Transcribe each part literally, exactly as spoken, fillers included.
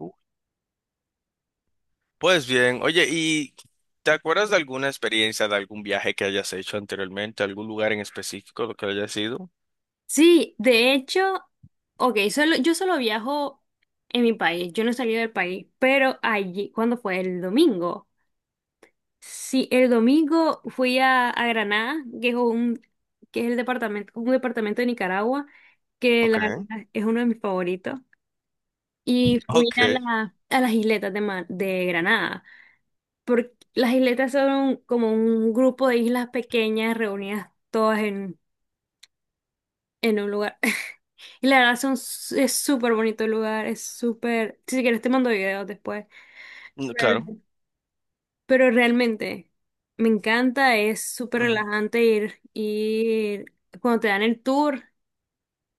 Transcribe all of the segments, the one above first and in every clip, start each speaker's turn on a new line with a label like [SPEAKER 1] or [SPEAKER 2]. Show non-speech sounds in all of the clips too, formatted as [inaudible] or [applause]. [SPEAKER 1] Uh. Pues bien, oye, ¿y te acuerdas de alguna experiencia, de algún viaje que hayas hecho anteriormente, algún lugar en específico lo que hayas ido?
[SPEAKER 2] Sí, de hecho, ok, solo, yo solo viajo en mi país, yo no he salido del país, pero allí, ¿cuándo fue? El domingo. Sí, el domingo fui a, a Granada, que es un, que es el departamento, un departamento de Nicaragua, que la
[SPEAKER 1] Okay. [laughs]
[SPEAKER 2] verdad es uno de mis favoritos. Y fui
[SPEAKER 1] Ok.
[SPEAKER 2] a, la- a las isletas de, Ma- de Granada, porque las isletas son como un grupo de islas pequeñas reunidas todas en, en un lugar. Y la verdad son s- es súper bonito el lugar, es súper. Si quieres te mando videos después.
[SPEAKER 1] Mm, claro.
[SPEAKER 2] Pero, pero realmente me encanta, es súper
[SPEAKER 1] Mm.
[SPEAKER 2] relajante ir, ir cuando te dan el tour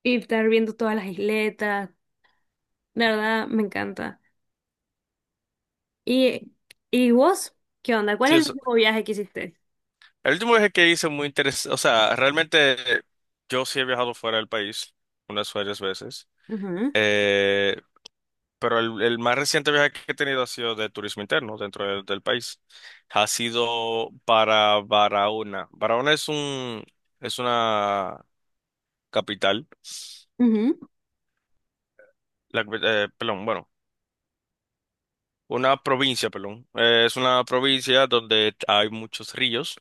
[SPEAKER 2] y estar viendo todas las isletas. La verdad, me encanta. ¿Y, ¿y vos? ¿Qué onda? ¿Cuál
[SPEAKER 1] Sí,
[SPEAKER 2] es el
[SPEAKER 1] es,
[SPEAKER 2] último viaje que hiciste?
[SPEAKER 1] El último viaje que hice muy interesante, o sea, realmente eh, yo sí he viajado fuera del país unas varias veces,
[SPEAKER 2] Ujú,
[SPEAKER 1] eh, pero el, el más reciente viaje que he tenido ha sido de turismo interno dentro del, del país. Ha sido para Barahona. Barahona es un, es una capital.
[SPEAKER 2] ujú.
[SPEAKER 1] La capi- eh, perdón, bueno, una provincia, perdón. Eh, es una provincia donde hay muchos ríos.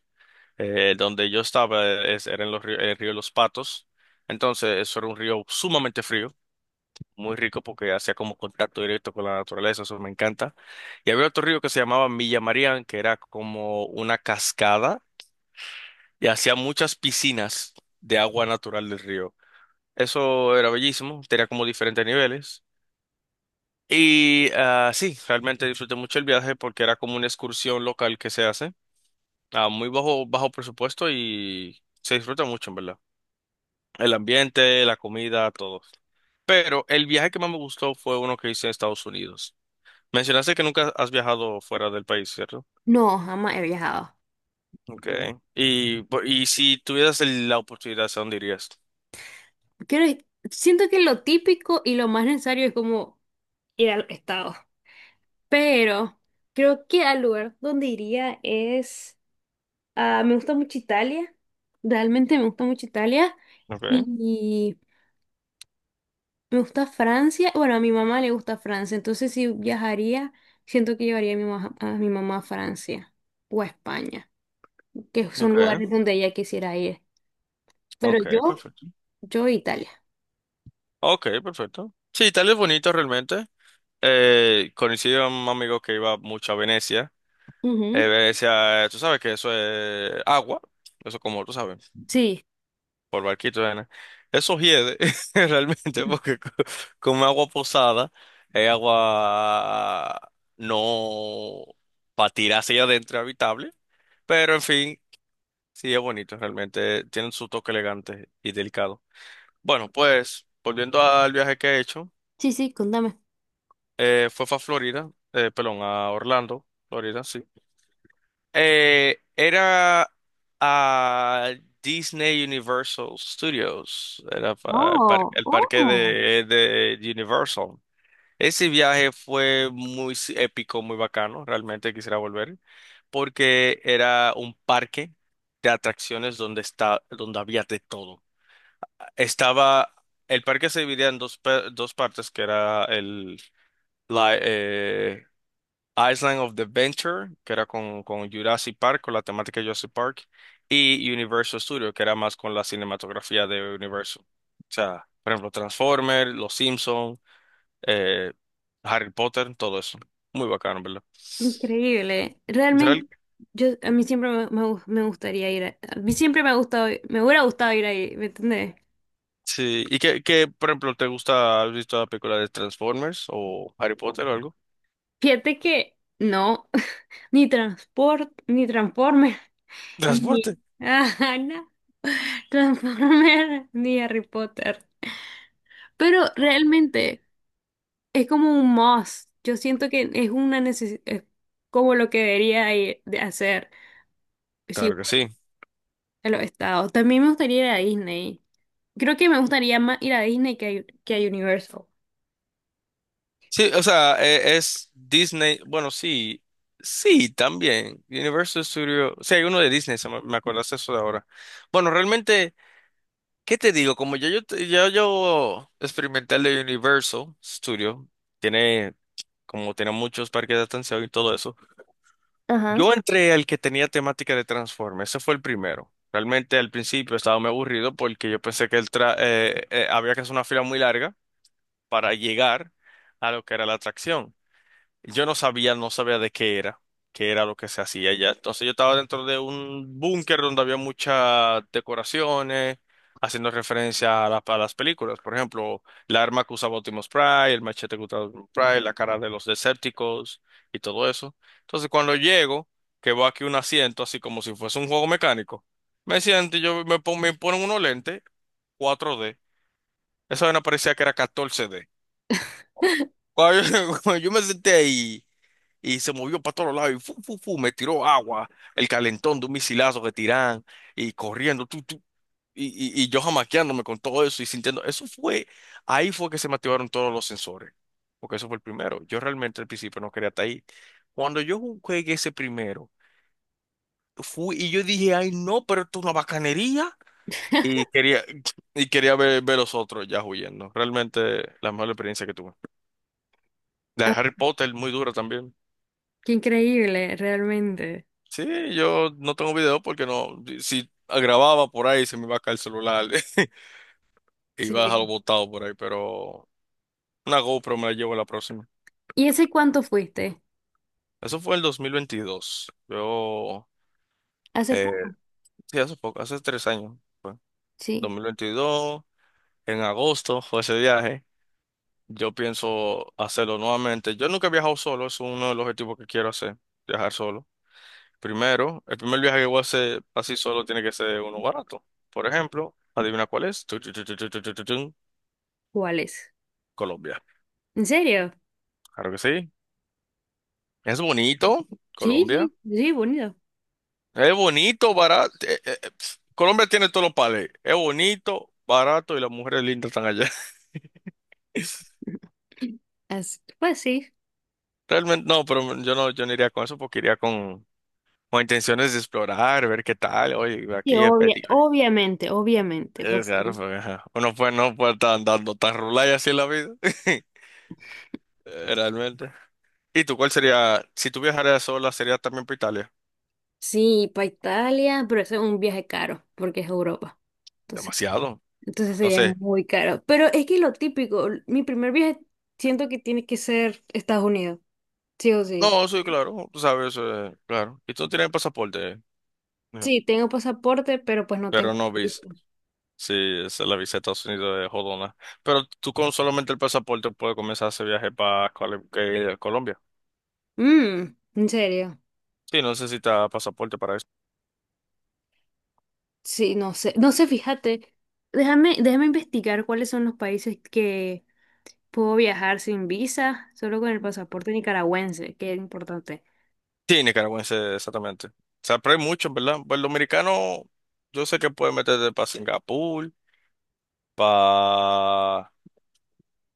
[SPEAKER 1] Eh, donde yo estaba eh, es- era en los río- el río de los Patos. Entonces, eso era un río sumamente frío, muy rico porque hacía como contacto directo con la naturaleza, eso me encanta. Y había otro río que se llamaba Milla Marián, que era como una cascada y hacía muchas piscinas de agua natural del río. Eso era bellísimo, tenía como diferentes niveles. Y ah, sí, realmente disfruté mucho el viaje porque era como una excursión local que se hace a muy bajo, bajo presupuesto y se disfruta mucho, en verdad. El ambiente, la comida, todo. Pero el viaje que más me gustó fue uno que hice en Estados Unidos. Mencionaste que nunca has viajado fuera del país, ¿cierto?
[SPEAKER 2] No, jamás he viajado.
[SPEAKER 1] Okay. Y, po- y si tuvieras el- la oportunidad, ¿a dónde irías?
[SPEAKER 2] Quiero, siento que lo típico y lo más necesario es como ir al estado. Pero creo que al lugar donde iría es, ah, me gusta mucho Italia. Realmente me gusta mucho Italia.
[SPEAKER 1] Okay.
[SPEAKER 2] Y me gusta Francia. Bueno, a mi mamá le gusta Francia. Entonces si viajaría, siento que llevaría a mi, ma- a mi mamá a Francia o a España, que son
[SPEAKER 1] Okay.
[SPEAKER 2] lugares donde ella quisiera ir. Pero
[SPEAKER 1] Okay,
[SPEAKER 2] yo,
[SPEAKER 1] perfecto.
[SPEAKER 2] yo Italia.
[SPEAKER 1] Okay, perfecto. Sí, Italia es bonito realmente. Eh, conocí a un amigo que iba mucho a Venecia.
[SPEAKER 2] Ujú.
[SPEAKER 1] Eh, Venecia, eh, tú sabes que eso es agua. Eso como tú sabes.
[SPEAKER 2] Sí.
[SPEAKER 1] Por barquito, arena. Eso hiede [laughs] realmente porque co- como agua posada es agua no para tirar hacia adentro habitable, pero en fin, sí es bonito realmente, tienen su toque elegante y delicado. Bueno, pues volviendo al viaje que he hecho,
[SPEAKER 2] Sí, sí, contame.
[SPEAKER 1] eh, fue a Florida, eh, perdón, a Orlando, Florida, sí. Eh, era a Disney Universal Studios, era pa- el, par-
[SPEAKER 2] Oh,
[SPEAKER 1] el parque
[SPEAKER 2] oh.
[SPEAKER 1] de, de Universal. Ese viaje fue muy s- épico, muy bacano, realmente quisiera volver, porque era un parque de atracciones donde está, donde había de todo. Estaba, el parque se dividía en dos, pe- dos partes, que era el, la eh, Island of the Venture, que era con, con Jurassic Park, con la temática de Jurassic Park, y Universal Studios, que era más con la cinematografía de Universal. O sea, por ejemplo, Transformers, Los Simpsons, eh, Harry Potter, todo eso. Muy bacano, ¿verdad?
[SPEAKER 2] Increíble. Realmente,
[SPEAKER 1] Real-
[SPEAKER 2] yo a mí siempre me, me gu- me gustaría ir a, a mí siempre me ha gustado, me hubiera gustado ir ahí, ¿me entendés?
[SPEAKER 1] Sí. ¿Y qué, qué, por ejemplo, te gusta? ¿Has visto la película de Transformers o Harry Potter o algo?
[SPEAKER 2] Fíjate que no, [laughs] ni transport, ni Transformer, [laughs] ni
[SPEAKER 1] Transporte.
[SPEAKER 2] ajá, no, Transformer, [laughs] ni Harry Potter. Pero realmente es como un must. Yo siento que es una necesidad, como lo que debería ir de hacer. Si
[SPEAKER 1] Claro que sí.
[SPEAKER 2] a los estados. También me gustaría ir a Disney. Creo que me gustaría más ir a Disney que a, que a Universal.
[SPEAKER 1] Sí, o sea, e- es Disney, bueno, sí, sí, también. Universal Studios, sí, hay uno de Disney, se me, me acordaste eso de ahora. Bueno, realmente, ¿qué te digo? Como ya yo, te- ya yo experimenté el de Universal Studio, tiene, como tiene muchos parques de atención y todo eso.
[SPEAKER 2] Ajá.
[SPEAKER 1] Yo entré al que tenía temática de Transformers, ese fue el primero. Realmente al principio estaba muy aburrido porque yo pensé que el tra- eh, eh, había que hacer una fila muy larga para llegar a lo que era la atracción. Yo no sabía, no sabía de qué era, qué era lo que se hacía allá. Entonces yo estaba dentro de un búnker donde había muchas decoraciones, haciendo referencia a, la- a las películas. Por ejemplo, la arma que usaba Optimus Prime, el machete que usaba Optimus Prime, la cara de los Decepticons y todo eso. Entonces cuando llego, que veo aquí un asiento, así como si fuese un juego mecánico, me siento y yo me, pon- me ponen unos lentes cuatro D. Esa vaina parecía que era catorce D. Cuando yo, [laughs] cuando yo me senté ahí y se movió para todos lados y fu, fu, fu, me tiró agua, el calentón de un misilazo que tiran y corriendo, tú, tú, y, y, y yo jamaqueándome con todo eso y sintiendo, eso fue, ahí fue que se me activaron todos los sensores, porque eso fue el primero. Yo realmente al principio no quería estar ahí. Cuando yo jugué ese primero, fui y yo dije, ay no, pero esto es una bacanería. Y quería, y quería ver, ver los otros ya huyendo. Realmente la mejor experiencia que tuve. La de
[SPEAKER 2] Ah,
[SPEAKER 1] Harry Potter, muy dura también.
[SPEAKER 2] qué increíble, realmente.
[SPEAKER 1] Sí, yo no tengo video porque no, si si grababa por ahí se me iba a caer el celular [laughs] y iba a dejarlo
[SPEAKER 2] Sí.
[SPEAKER 1] botado por ahí, pero una GoPro me la llevo la próxima.
[SPEAKER 2] ¿Y ese cuánto fuiste?
[SPEAKER 1] Eso fue el dos mil veintidós. Yo,
[SPEAKER 2] Hace
[SPEAKER 1] eh,
[SPEAKER 2] poco,
[SPEAKER 1] sí, hace poco, hace tres años fue.
[SPEAKER 2] sí.
[SPEAKER 1] dos mil veintidós, en agosto fue ese viaje. Yo pienso hacerlo nuevamente. Yo nunca he viajado solo, es uno de los objetivos que quiero hacer, viajar solo. Primero, el primer viaje que voy a hacer así solo tiene que ser uno barato. Por ejemplo, adivina cuál es. Tu, tu, tu, tu, tu, tu, tu, tu, tu.
[SPEAKER 2] ¿Cuál es?
[SPEAKER 1] Colombia.
[SPEAKER 2] ¿En serio?
[SPEAKER 1] Claro que sí. Es bonito,
[SPEAKER 2] Sí,
[SPEAKER 1] Colombia.
[SPEAKER 2] sí, sí, bonito.
[SPEAKER 1] Es bonito, barato. Eh, eh, eh, pf, Colombia tiene todos los pales. Es bonito, barato y las mujeres lindas están allá. [laughs]
[SPEAKER 2] [laughs] Así- pues sí.
[SPEAKER 1] Realmente no, pero yo no, yo no iría con eso porque iría con, con intenciones de explorar, ver qué tal. Oye,
[SPEAKER 2] Sí,
[SPEAKER 1] aquí es
[SPEAKER 2] obvia-
[SPEAKER 1] petit.
[SPEAKER 2] obviamente, obviamente,
[SPEAKER 1] Es
[SPEAKER 2] porque
[SPEAKER 1] claro, porque, ajá, uno pues no puede estar andando tan rulay así en la vida. [laughs] Eh, realmente. ¿Y tú cuál sería? Si tú viajaras sola, ¿sería también por Italia?
[SPEAKER 2] sí, para Italia, pero eso es un viaje caro, porque es Europa. Entonces,
[SPEAKER 1] Demasiado.
[SPEAKER 2] entonces sería
[SPEAKER 1] Entonces,
[SPEAKER 2] muy caro. Pero es que lo típico, mi primer viaje siento que tiene que ser Estados Unidos, sí o sí.
[SPEAKER 1] no, sí, claro, tú sabes, eh, claro. Y tú no tienes pasaporte, eh, mira,
[SPEAKER 2] Sí, tengo pasaporte, pero pues no
[SPEAKER 1] pero
[SPEAKER 2] tengo
[SPEAKER 1] no
[SPEAKER 2] visa.
[SPEAKER 1] vis. Sí, esa es la visa de Estados Unidos de jodona. Pero tú con solamente el pasaporte puedes comenzar ese viaje para Colombia.
[SPEAKER 2] Mm, ¿en serio?
[SPEAKER 1] Sí, no necesitas pasaporte para eso.
[SPEAKER 2] Sí, no sé, no sé, fíjate. Déjame, déjame investigar cuáles son los países que puedo viajar sin visa, solo con el pasaporte nicaragüense, que es importante.
[SPEAKER 1] Sí, nicaragüense, exactamente. O sea, pero hay muchos, ¿verdad? Pues el dominicano, yo sé que puede meterte para Singapur, para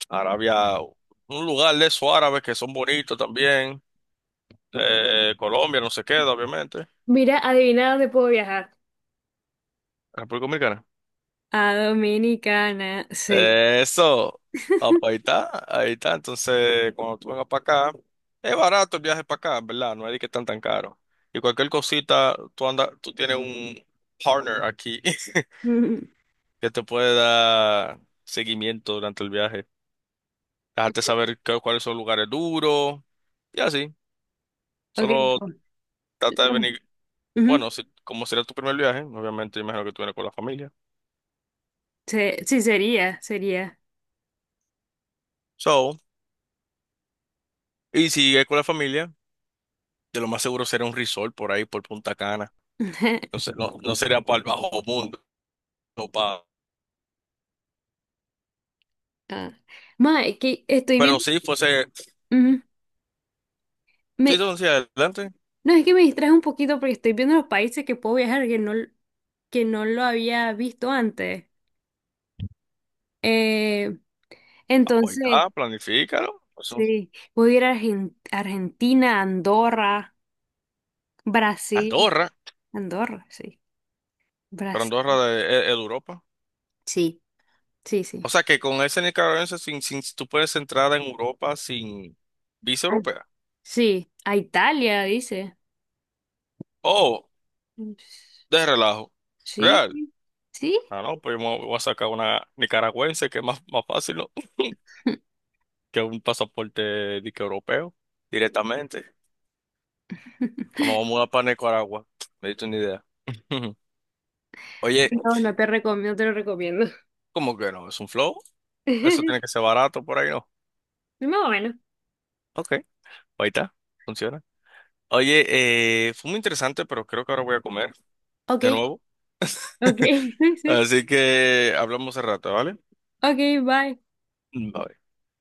[SPEAKER 1] Arabia, un lugar de esos árabes que son bonitos también. Eh, Colombia, no se queda, obviamente.
[SPEAKER 2] Mira, adivina dónde puedo viajar.
[SPEAKER 1] República Dominicana.
[SPEAKER 2] A Dominicana, sí.
[SPEAKER 1] Eh, eso, apa, ahí está, ahí está. Entonces, cuando tú vengas para acá, es barato el viaje para acá, ¿verdad? No es de que están tan caro. Y cualquier cosita, tú andas, tú tienes un partner aquí [laughs]
[SPEAKER 2] [laughs] Ujú.
[SPEAKER 1] que te puede dar seguimiento durante el viaje. Dejarte saber qué- cuáles son los lugares duros y así.
[SPEAKER 2] Ok,
[SPEAKER 1] Solo
[SPEAKER 2] no,
[SPEAKER 1] trata de
[SPEAKER 2] no,
[SPEAKER 1] venir.
[SPEAKER 2] ujú.
[SPEAKER 1] Bueno, si- como será tu primer viaje, obviamente imagino que tú vienes con la familia.
[SPEAKER 2] Se- Sí, sería, sería.
[SPEAKER 1] So, y si es con la familia, de lo más seguro será un resort por ahí, por Punta Cana.
[SPEAKER 2] [laughs]
[SPEAKER 1] Entonces, no, no sería para el bajo mundo, no pa-
[SPEAKER 2] Ah. Ma, es que estoy
[SPEAKER 1] pero
[SPEAKER 2] viendo.
[SPEAKER 1] si fuese,
[SPEAKER 2] Ujú.
[SPEAKER 1] si
[SPEAKER 2] Me,
[SPEAKER 1] son hacia adelante,
[SPEAKER 2] no, es que me distraje un poquito porque estoy viendo los países que puedo viajar que no, que no lo había visto antes. Eh,
[SPEAKER 1] ah, pues ahí está,
[SPEAKER 2] entonces,
[SPEAKER 1] planifícalo. Eso,
[SPEAKER 2] sí, puedo ir a Argen- Argentina, Andorra, Brasil.
[SPEAKER 1] Andorra,
[SPEAKER 2] Andorra, sí.
[SPEAKER 1] pero
[SPEAKER 2] Brasil.
[SPEAKER 1] Andorra de, es- es de Europa.
[SPEAKER 2] Sí, sí, sí.
[SPEAKER 1] O sea que con ese nicaragüense, sin, sin, tú puedes entrar en Europa sin visa europea.
[SPEAKER 2] Sí, a Italia, dice.
[SPEAKER 1] Oh, de relajo.
[SPEAKER 2] Sí,
[SPEAKER 1] Real.
[SPEAKER 2] sí. ¿Sí?
[SPEAKER 1] Ah, no, pues yo me voy a sacar una nicaragüense que es más, más fácil, ¿no? Que un pasaporte dique europeo directamente.
[SPEAKER 2] [laughs]
[SPEAKER 1] Vamos a mudar para Nicaragua. Me diste una idea. [laughs] Oye,
[SPEAKER 2] No, no te recomiendo, no te lo recomiendo.
[SPEAKER 1] ¿cómo que no? ¿Es un flow? Eso tiene que
[SPEAKER 2] [laughs]
[SPEAKER 1] ser barato por ahí, ¿no?
[SPEAKER 2] Más o menos.
[SPEAKER 1] Ok, ahí está, funciona. Oye, eh, fue muy interesante, pero creo que ahora voy a comer
[SPEAKER 2] Ok,
[SPEAKER 1] de nuevo.
[SPEAKER 2] ok, [laughs] sí.
[SPEAKER 1] Así que hablamos al rato, ¿vale?
[SPEAKER 2] Ok, bye.
[SPEAKER 1] Bye.